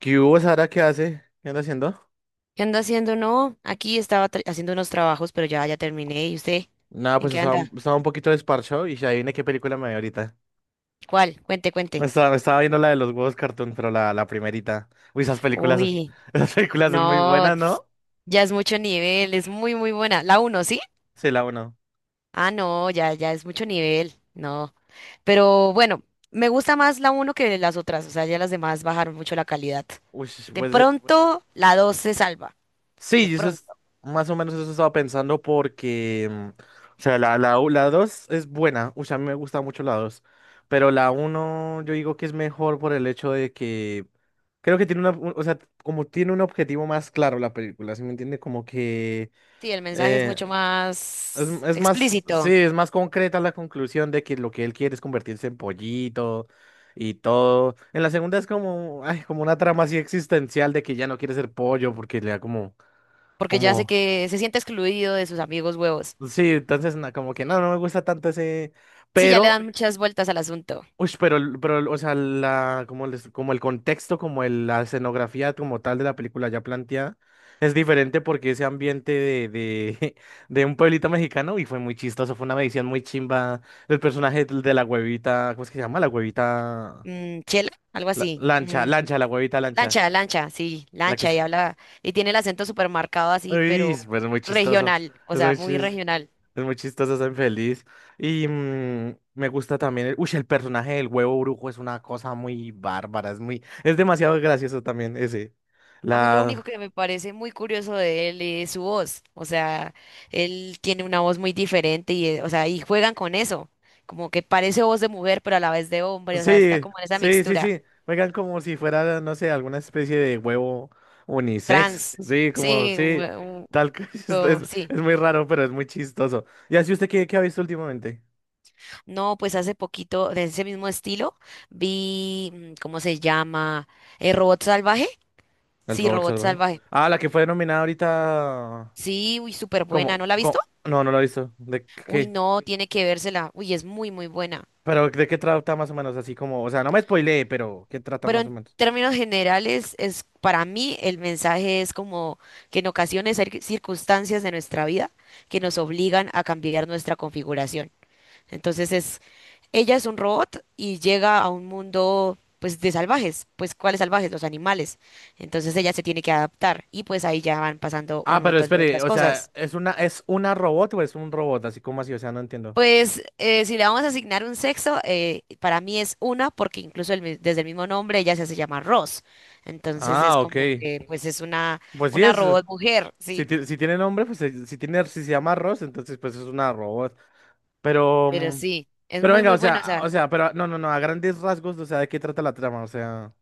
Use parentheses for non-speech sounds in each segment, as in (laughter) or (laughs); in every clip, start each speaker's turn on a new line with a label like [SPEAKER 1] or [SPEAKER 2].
[SPEAKER 1] ¿Qué hubo, Sara? ¿Qué hace? ¿Qué anda haciendo?
[SPEAKER 2] ¿Qué anda haciendo? No, aquí estaba haciendo unos trabajos, pero ya terminé. ¿Y usted?
[SPEAKER 1] Nada,
[SPEAKER 2] ¿En
[SPEAKER 1] pues
[SPEAKER 2] qué
[SPEAKER 1] estaba,
[SPEAKER 2] anda?
[SPEAKER 1] estaba un poquito desparchado y ya adivine qué película me vi ahorita.
[SPEAKER 2] ¿Cuál? Cuente, cuente.
[SPEAKER 1] Me estaba viendo la de los huevos cartoon, pero la primerita. Uy, esas películas,
[SPEAKER 2] Uy,
[SPEAKER 1] (laughs) esas películas son muy
[SPEAKER 2] no,
[SPEAKER 1] buenas, ¿no?
[SPEAKER 2] ya es mucho nivel, es muy, muy buena. La uno, ¿sí?
[SPEAKER 1] Sí, la uno.
[SPEAKER 2] Ah, no, ya es mucho nivel, no. Pero bueno, me gusta más la uno que las otras, o sea, ya las demás bajaron mucho la calidad.
[SPEAKER 1] Uy,
[SPEAKER 2] De
[SPEAKER 1] pues
[SPEAKER 2] pronto, la dos se salva, de
[SPEAKER 1] sí, eso es
[SPEAKER 2] pronto.
[SPEAKER 1] más o menos eso estaba pensando porque, o sea, la 2 es buena, o sea, a mí me gusta mucho la dos, pero la uno yo digo que es mejor por el hecho de que creo que tiene una, o sea, como tiene un objetivo más claro la película, ¿sí me entiende? Como que
[SPEAKER 2] Sí, el mensaje es
[SPEAKER 1] eh,
[SPEAKER 2] mucho más
[SPEAKER 1] es más, sí,
[SPEAKER 2] explícito,
[SPEAKER 1] es más concreta la conclusión de que lo que él quiere es convertirse en pollito y todo. En la segunda es como, ay, como una trama así existencial de que ya no quiere ser pollo porque le da como,
[SPEAKER 2] porque ya sé
[SPEAKER 1] como...
[SPEAKER 2] que se siente excluido de sus amigos huevos.
[SPEAKER 1] Sí, entonces como que no, no me gusta tanto ese,
[SPEAKER 2] Sí, ya le
[SPEAKER 1] pero,
[SPEAKER 2] dan muchas vueltas al asunto.
[SPEAKER 1] uy, pero, o sea, la, como, como el contexto, como la escenografía como tal de la película ya planteada, es diferente porque ese ambiente de (laughs) de un pueblito mexicano, y fue muy chistoso, fue una medición muy chimba del personaje de la huevita, ¿cómo es que se llama? La huevita,
[SPEAKER 2] Mm, chela, algo así.
[SPEAKER 1] lancha,
[SPEAKER 2] Mm,
[SPEAKER 1] lancha, la huevita lancha,
[SPEAKER 2] lancha, lancha, sí,
[SPEAKER 1] la que
[SPEAKER 2] lancha,
[SPEAKER 1] es,
[SPEAKER 2] y habla, y tiene el acento súper marcado así,
[SPEAKER 1] uy,
[SPEAKER 2] pero
[SPEAKER 1] pues muy chistoso,
[SPEAKER 2] regional, o
[SPEAKER 1] es
[SPEAKER 2] sea,
[SPEAKER 1] muy
[SPEAKER 2] muy
[SPEAKER 1] chistoso.
[SPEAKER 2] regional.
[SPEAKER 1] Es muy chistoso, soy feliz. Y mm, me gusta también. El, uy, el personaje del huevo brujo es una cosa muy bárbara. Es muy, es demasiado gracioso también ese.
[SPEAKER 2] A mí lo único
[SPEAKER 1] La.
[SPEAKER 2] que me parece muy curioso de él es su voz, o sea, él tiene una voz muy diferente y, o sea, y juegan con eso, como que parece voz de mujer, pero a la vez de hombre, o sea, está
[SPEAKER 1] Sí,
[SPEAKER 2] como en esa
[SPEAKER 1] sí, sí,
[SPEAKER 2] mixtura,
[SPEAKER 1] sí. Juegan como si fuera, no sé, alguna especie de huevo unisex.
[SPEAKER 2] trans,
[SPEAKER 1] Sí, como,
[SPEAKER 2] sí,
[SPEAKER 1] sí.
[SPEAKER 2] un
[SPEAKER 1] Tal que (laughs)
[SPEAKER 2] huevo, sí.
[SPEAKER 1] es muy raro, pero es muy chistoso. ¿Y así usted qué, qué ha visto últimamente?
[SPEAKER 2] No, pues hace poquito, de ese mismo estilo, vi, ¿cómo se llama? ¿Robot Salvaje?
[SPEAKER 1] El
[SPEAKER 2] Sí,
[SPEAKER 1] robot
[SPEAKER 2] Robot
[SPEAKER 1] salvaje.
[SPEAKER 2] Salvaje.
[SPEAKER 1] Ah, la que fue nominada ahorita.
[SPEAKER 2] Sí, uy, súper buena. ¿No
[SPEAKER 1] ¿Cómo?
[SPEAKER 2] la ha visto?
[SPEAKER 1] ¿Cómo? No, no lo he visto. ¿De
[SPEAKER 2] Uy,
[SPEAKER 1] qué?
[SPEAKER 2] no, tiene que vérsela. Uy, es muy, muy buena.
[SPEAKER 1] Pero ¿de qué trata más o menos? Así como, o sea, no me spoileé, pero ¿qué trata
[SPEAKER 2] Pero
[SPEAKER 1] más o
[SPEAKER 2] en
[SPEAKER 1] menos?
[SPEAKER 2] términos generales, es para mí el mensaje es como que en ocasiones hay circunstancias de nuestra vida que nos obligan a cambiar nuestra configuración. Entonces es. Ella es un robot y llega a un mundo pues de salvajes, pues ¿cuáles salvajes? Los animales. Entonces ella se tiene que adaptar y pues ahí ya van pasando
[SPEAKER 1] Ah,
[SPEAKER 2] un
[SPEAKER 1] pero
[SPEAKER 2] montón de
[SPEAKER 1] espere,
[SPEAKER 2] otras
[SPEAKER 1] o sea,
[SPEAKER 2] cosas.
[SPEAKER 1] ¿es una, robot o es un robot? Así como así, o sea, no entiendo.
[SPEAKER 2] Pues si le vamos a asignar un sexo, para mí es una porque incluso desde el mismo nombre ella se hace llamar Ross. Entonces es
[SPEAKER 1] Ah,
[SPEAKER 2] como
[SPEAKER 1] ok.
[SPEAKER 2] que pues es
[SPEAKER 1] Pues sí
[SPEAKER 2] una
[SPEAKER 1] es.
[SPEAKER 2] robot mujer,
[SPEAKER 1] Si,
[SPEAKER 2] sí,
[SPEAKER 1] si tiene nombre, pues si tiene, si se llama Rose entonces pues es una robot. Pero,
[SPEAKER 2] pero
[SPEAKER 1] mm,
[SPEAKER 2] sí, es
[SPEAKER 1] pero
[SPEAKER 2] muy
[SPEAKER 1] venga, o
[SPEAKER 2] muy buena. O
[SPEAKER 1] sea,
[SPEAKER 2] sea,
[SPEAKER 1] o sea, pero no, no, no, a grandes rasgos, o sea, ¿de qué trata la trama? O sea,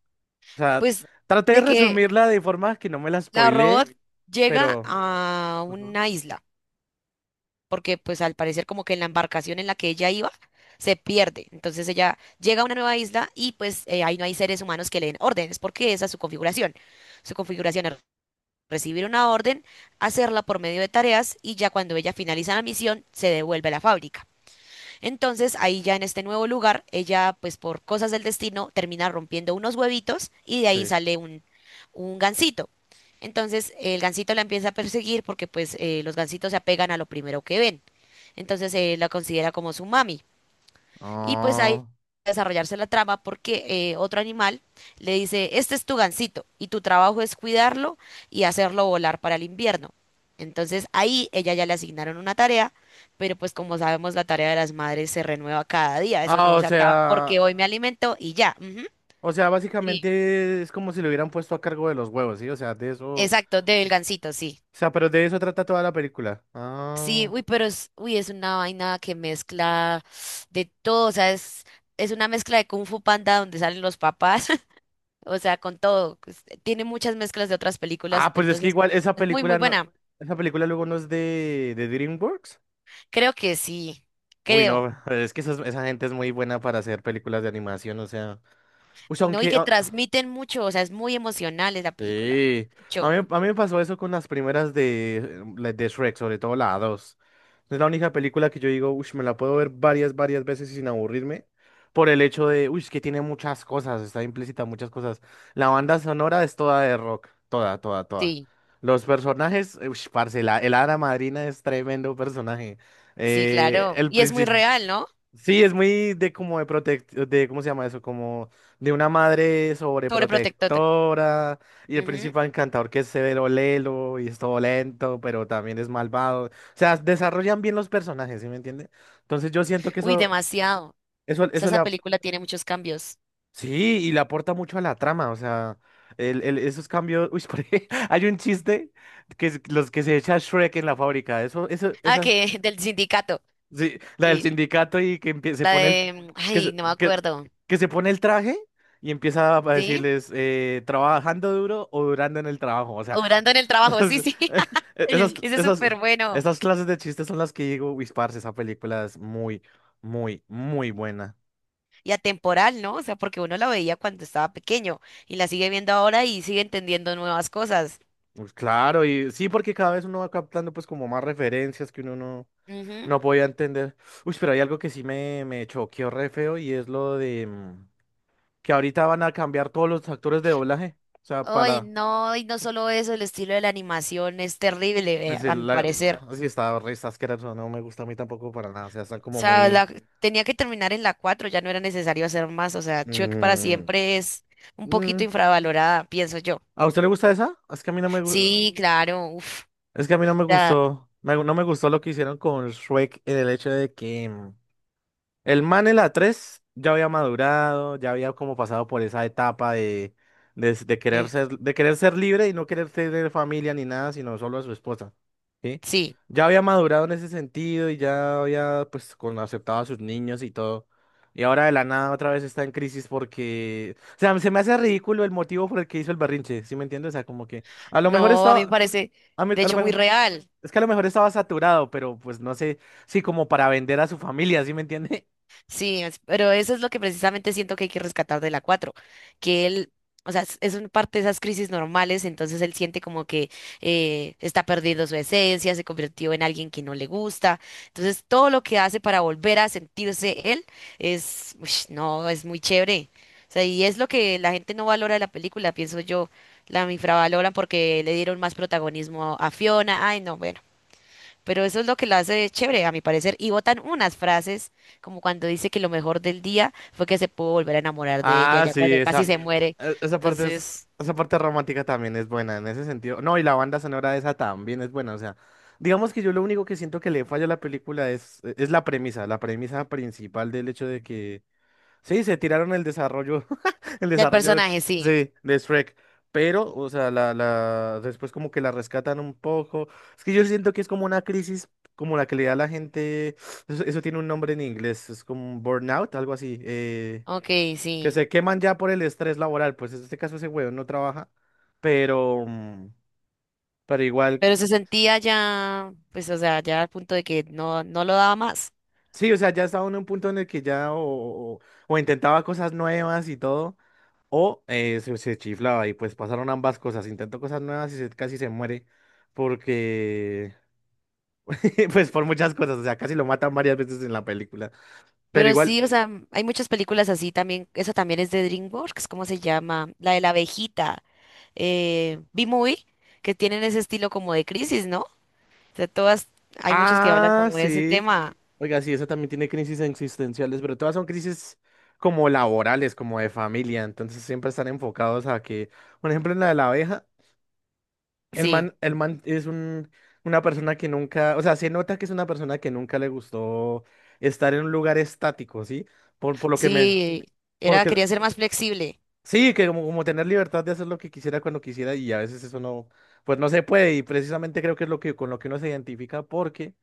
[SPEAKER 1] o sea,
[SPEAKER 2] pues
[SPEAKER 1] traté de
[SPEAKER 2] de que
[SPEAKER 1] resumirla de forma que no me la
[SPEAKER 2] la robot
[SPEAKER 1] spoileé,
[SPEAKER 2] llega
[SPEAKER 1] pero
[SPEAKER 2] a
[SPEAKER 1] Ujú.
[SPEAKER 2] una isla. Porque pues al parecer como que en la embarcación en la que ella iba se pierde. Entonces ella llega a una nueva isla y pues ahí no hay seres humanos que le den órdenes, porque esa es su configuración. Su configuración es recibir una orden, hacerla por medio de tareas y ya cuando ella finaliza la misión se devuelve a la fábrica. Entonces ahí ya en este nuevo lugar, ella pues por cosas del destino termina rompiendo unos huevitos y de ahí
[SPEAKER 1] Sí.
[SPEAKER 2] sale un gansito. Entonces el gansito la empieza a perseguir porque pues los gansitos se apegan a lo primero que ven. Entonces la considera como su mami. Y pues ahí va
[SPEAKER 1] Ah,
[SPEAKER 2] a desarrollarse la trama porque otro animal le dice, este es tu gansito y tu trabajo es cuidarlo y hacerlo volar para el invierno. Entonces ahí ella ya le asignaron una tarea, pero pues como sabemos la tarea de las madres se renueva cada día, eso
[SPEAKER 1] ah,
[SPEAKER 2] no
[SPEAKER 1] o
[SPEAKER 2] se acaba porque
[SPEAKER 1] sea.
[SPEAKER 2] hoy me alimento y ya. Ujú.
[SPEAKER 1] O sea,
[SPEAKER 2] Sí,
[SPEAKER 1] básicamente es como si lo hubieran puesto a cargo de los huevos, ¿sí? O sea, de eso. O
[SPEAKER 2] exacto, del gansito, sí.
[SPEAKER 1] sea, pero de eso trata toda la película.
[SPEAKER 2] Sí,
[SPEAKER 1] Ah.
[SPEAKER 2] uy, pero es, uy, es una vaina que mezcla de todo, o sea, es una mezcla de Kung Fu Panda donde salen los papás. O sea, con todo. Pues, tiene muchas mezclas de otras películas,
[SPEAKER 1] Ah, pues es que
[SPEAKER 2] entonces
[SPEAKER 1] igual esa
[SPEAKER 2] es muy, muy
[SPEAKER 1] película no.
[SPEAKER 2] buena.
[SPEAKER 1] Esa película luego no es de DreamWorks.
[SPEAKER 2] Creo que sí,
[SPEAKER 1] Uy,
[SPEAKER 2] creo,
[SPEAKER 1] no, (laughs) es que esa gente es muy buena para hacer películas de animación, o sea. O sea,
[SPEAKER 2] ¿no? Y
[SPEAKER 1] aunque,
[SPEAKER 2] que
[SPEAKER 1] a-
[SPEAKER 2] transmiten mucho, o sea, es muy emocional esa película.
[SPEAKER 1] sí,
[SPEAKER 2] Mucho.
[SPEAKER 1] a mí me pasó eso con las primeras de, la de Shrek, sobre todo la 2. Es la única película que yo digo, uy, me la puedo ver varias, varias veces sin aburrirme, por el hecho de, uy, es que tiene muchas cosas, está implícita muchas cosas. La banda sonora es toda de rock, toda, toda, toda.
[SPEAKER 2] Sí,
[SPEAKER 1] Los personajes, uy, parce, la, el hada madrina es tremendo personaje.
[SPEAKER 2] sí, claro.
[SPEAKER 1] El
[SPEAKER 2] Y es muy
[SPEAKER 1] príncipe.
[SPEAKER 2] real, ¿no?
[SPEAKER 1] Sí, es muy de como de protect, de ¿cómo se llama eso? Como de una madre
[SPEAKER 2] Sobreprotector.
[SPEAKER 1] sobreprotectora y el
[SPEAKER 2] Ujú.
[SPEAKER 1] príncipe encantador que es severo lelo y es todo lento, pero también es malvado. O sea, desarrollan bien los personajes, ¿sí me entiende? Entonces yo siento que
[SPEAKER 2] Uy, demasiado. O sea,
[SPEAKER 1] eso le,
[SPEAKER 2] esa
[SPEAKER 1] ap-
[SPEAKER 2] película tiene muchos cambios.
[SPEAKER 1] sí, y le aporta mucho a la trama, o sea, esos cambios, uy, (laughs) por ej- hay un chiste que es los que se echa Shrek en la fábrica,
[SPEAKER 2] Ah,
[SPEAKER 1] esas
[SPEAKER 2] que (laughs) del sindicato.
[SPEAKER 1] sí, la del
[SPEAKER 2] Sí.
[SPEAKER 1] sindicato y que se
[SPEAKER 2] La
[SPEAKER 1] pone el
[SPEAKER 2] de,
[SPEAKER 1] que
[SPEAKER 2] ay,
[SPEAKER 1] se,
[SPEAKER 2] no me
[SPEAKER 1] que,
[SPEAKER 2] acuerdo.
[SPEAKER 1] que se pone el traje y empieza a
[SPEAKER 2] ¿Sí?
[SPEAKER 1] decirles trabajando duro o durando en el trabajo. O sea,
[SPEAKER 2] Obrando en el
[SPEAKER 1] (laughs)
[SPEAKER 2] trabajo, sí,
[SPEAKER 1] esas,
[SPEAKER 2] sí. (laughs)
[SPEAKER 1] esas,
[SPEAKER 2] Ese es
[SPEAKER 1] esas,
[SPEAKER 2] súper bueno.
[SPEAKER 1] esas clases de chistes son las que digo, uy, parce, esa película es muy, muy, muy buena.
[SPEAKER 2] Y atemporal, ¿no? O sea, porque uno la veía cuando estaba pequeño y la sigue viendo ahora y sigue entendiendo nuevas cosas.
[SPEAKER 1] Pues claro, y sí, porque cada vez uno va captando pues como más referencias que uno no,
[SPEAKER 2] Ujú.
[SPEAKER 1] no podía entender. Uy, pero hay algo que sí me choqueó re feo y es lo de... que ahorita van a cambiar todos los actores de doblaje. O sea,
[SPEAKER 2] Ay,
[SPEAKER 1] para
[SPEAKER 2] no, y no solo eso, el estilo de la animación es terrible,
[SPEAKER 1] decir,
[SPEAKER 2] a mi
[SPEAKER 1] la,
[SPEAKER 2] parecer.
[SPEAKER 1] así está, re está asqueroso, no me gusta a mí tampoco para nada. O sea, está
[SPEAKER 2] O
[SPEAKER 1] como
[SPEAKER 2] sea,
[SPEAKER 1] muy.
[SPEAKER 2] tenía que terminar en la 4, ya no era necesario hacer más. O sea, Shrek para
[SPEAKER 1] mm,
[SPEAKER 2] siempre es un poquito
[SPEAKER 1] mm.
[SPEAKER 2] infravalorada, pienso yo.
[SPEAKER 1] ¿A usted le gusta esa? Es que a mí no me gu-
[SPEAKER 2] Sí, claro, uf,
[SPEAKER 1] es que a mí no me
[SPEAKER 2] ya,
[SPEAKER 1] gustó. No me gustó lo que hicieron con Shrek en el hecho de que el man en la 3 ya había madurado, ya había como pasado por esa etapa de
[SPEAKER 2] eh,
[SPEAKER 1] de querer ser libre y no querer tener familia ni nada, sino solo a su esposa. ¿Sí?
[SPEAKER 2] sí.
[SPEAKER 1] Ya había madurado en ese sentido y ya había pues con, aceptado a sus niños y todo. Y ahora de la nada otra vez está en crisis porque, o sea, se me hace ridículo el motivo por el que hizo el berrinche, ¿sí me entiendes? O sea, como que a lo mejor
[SPEAKER 2] No, a mí me
[SPEAKER 1] estaba,
[SPEAKER 2] parece, de
[SPEAKER 1] a lo
[SPEAKER 2] hecho, muy
[SPEAKER 1] mejor,
[SPEAKER 2] real.
[SPEAKER 1] es que a lo mejor estaba saturado, pero pues no sé, sí, como para vender a su familia, ¿sí me entiendes?
[SPEAKER 2] Sí, pero eso es lo que precisamente siento que hay que rescatar de la 4, que él, o sea, es un parte de esas crisis normales, entonces él siente como que está perdiendo su esencia, se convirtió en alguien que no le gusta, entonces todo lo que hace para volver a sentirse él es, uish, no, es muy chévere, o sea, y es lo que la gente no valora de la película, pienso yo, la infravaloran porque le dieron más protagonismo a Fiona, ay, no, bueno. Pero eso es lo que la hace chévere, a mi parecer. Y botan unas frases, como cuando dice que lo mejor del día fue que se pudo volver a enamorar de ella,
[SPEAKER 1] Ah,
[SPEAKER 2] ya
[SPEAKER 1] sí,
[SPEAKER 2] cuando casi
[SPEAKER 1] esa,
[SPEAKER 2] se. Sí. Muere.
[SPEAKER 1] esa parte es,
[SPEAKER 2] Entonces,
[SPEAKER 1] esa parte romántica también es buena en ese sentido. No, y la banda sonora de esa también es buena. O sea, digamos que yo lo único que siento que le falla a la película es, e, es la premisa principal del hecho de que sí, se tiraron el desarrollo, (laughs) el
[SPEAKER 2] del
[SPEAKER 1] desarrollo,
[SPEAKER 2] personaje, sí.
[SPEAKER 1] sí, de Shrek. Pero, o sea, después como que la rescatan un poco. Es que yo siento que es como una crisis como la que le da a la gente, eso tiene un nombre en inglés, es como un burnout, algo así.
[SPEAKER 2] Ok,
[SPEAKER 1] Que
[SPEAKER 2] sí.
[SPEAKER 1] se queman ya por el estrés laboral, pues en este caso ese huevón no trabaja, pero, mm, pero igual, c-
[SPEAKER 2] Pero se sentía ya, pues, o sea, ya al punto de que no, no lo daba más.
[SPEAKER 1] sí, o sea, ya estaba uno en un punto en el que ya o intentaba cosas nuevas y todo, o se chiflaba y pues pasaron ambas cosas, intentó cosas nuevas y casi se muere porque, (laughs) pues por muchas cosas, o sea, casi lo matan varias veces en la película, pero
[SPEAKER 2] Pero
[SPEAKER 1] igual...
[SPEAKER 2] sí, o sea, hay muchas películas así también. Esa también es de DreamWorks, ¿cómo se llama? La de la abejita, B-Movie, que tienen ese estilo como de crisis, ¿no? O sea, todas, hay muchas que hablan
[SPEAKER 1] Ah,
[SPEAKER 2] como de ese
[SPEAKER 1] sí.
[SPEAKER 2] tema.
[SPEAKER 1] Oiga, sí, esa también tiene crisis existenciales, pero todas son crisis como laborales, como de familia, entonces siempre están enfocados a que, por ejemplo, en la de la abeja,
[SPEAKER 2] Sí.
[SPEAKER 1] el man es un, una persona que nunca, o sea, se nota que es una persona que nunca le gustó estar en un lugar estático, ¿sí? Por lo que me,
[SPEAKER 2] Sí, era,
[SPEAKER 1] porque,
[SPEAKER 2] quería ser más flexible.
[SPEAKER 1] sí, que como, como tener libertad de hacer lo que quisiera cuando quisiera y a veces eso no, pues no se puede y precisamente creo que es lo que con lo que uno se identifica porque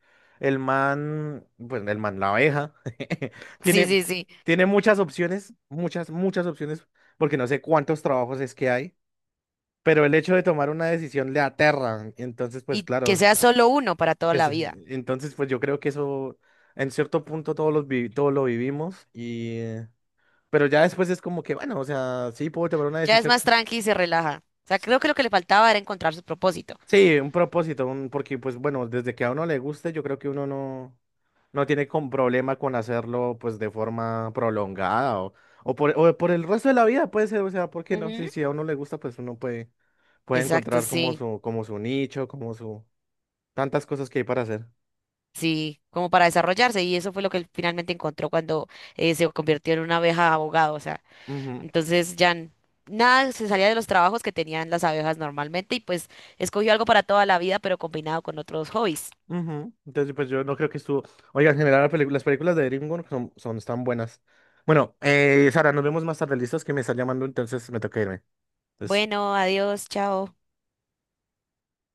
[SPEAKER 1] el man, pues el man, la abeja, (laughs)
[SPEAKER 2] Sí,
[SPEAKER 1] tiene,
[SPEAKER 2] sí, sí.
[SPEAKER 1] tiene muchas opciones, muchas, muchas opciones, porque no sé cuántos trabajos es que hay, pero el hecho de tomar una decisión le aterra, entonces pues
[SPEAKER 2] Y que
[SPEAKER 1] claro,
[SPEAKER 2] sea solo uno para toda
[SPEAKER 1] que
[SPEAKER 2] la
[SPEAKER 1] se-
[SPEAKER 2] vida.
[SPEAKER 1] entonces pues yo creo que eso en cierto punto todos todos lo vivimos y, pero ya después es como que bueno, o sea, sí puedo tomar una
[SPEAKER 2] Ya es
[SPEAKER 1] decisión.
[SPEAKER 2] más tranqui y se relaja. O sea, creo que lo que le faltaba era encontrar su propósito.
[SPEAKER 1] Sí, un propósito, un, porque pues bueno, desde que a uno le guste, yo creo que uno no, no tiene con problema con hacerlo pues de forma prolongada o por el resto de la vida puede ser, o sea, ¿por qué no? Sí,
[SPEAKER 2] Ujú.
[SPEAKER 1] si a uno le gusta, pues uno puede, puede
[SPEAKER 2] Exacto,
[SPEAKER 1] encontrar
[SPEAKER 2] sí,
[SPEAKER 1] como su nicho, como su, tantas cosas que hay para hacer.
[SPEAKER 2] sí, como para desarrollarse. Y eso fue lo que él finalmente encontró cuando se convirtió en una abeja abogado. O sea,
[SPEAKER 1] Ujú,
[SPEAKER 2] entonces ya nada se salía de los trabajos que tenían las abejas normalmente y pues escogió algo para toda la vida, pero combinado con otros hobbies.
[SPEAKER 1] ujú. Entonces, pues yo no creo que estuvo, oiga, en general las películas de DreamWorks son, son tan buenas. Bueno, Sara, nos vemos más tarde, listos, que me está llamando, entonces me toca irme. Entonces,
[SPEAKER 2] Bueno, adiós, chao.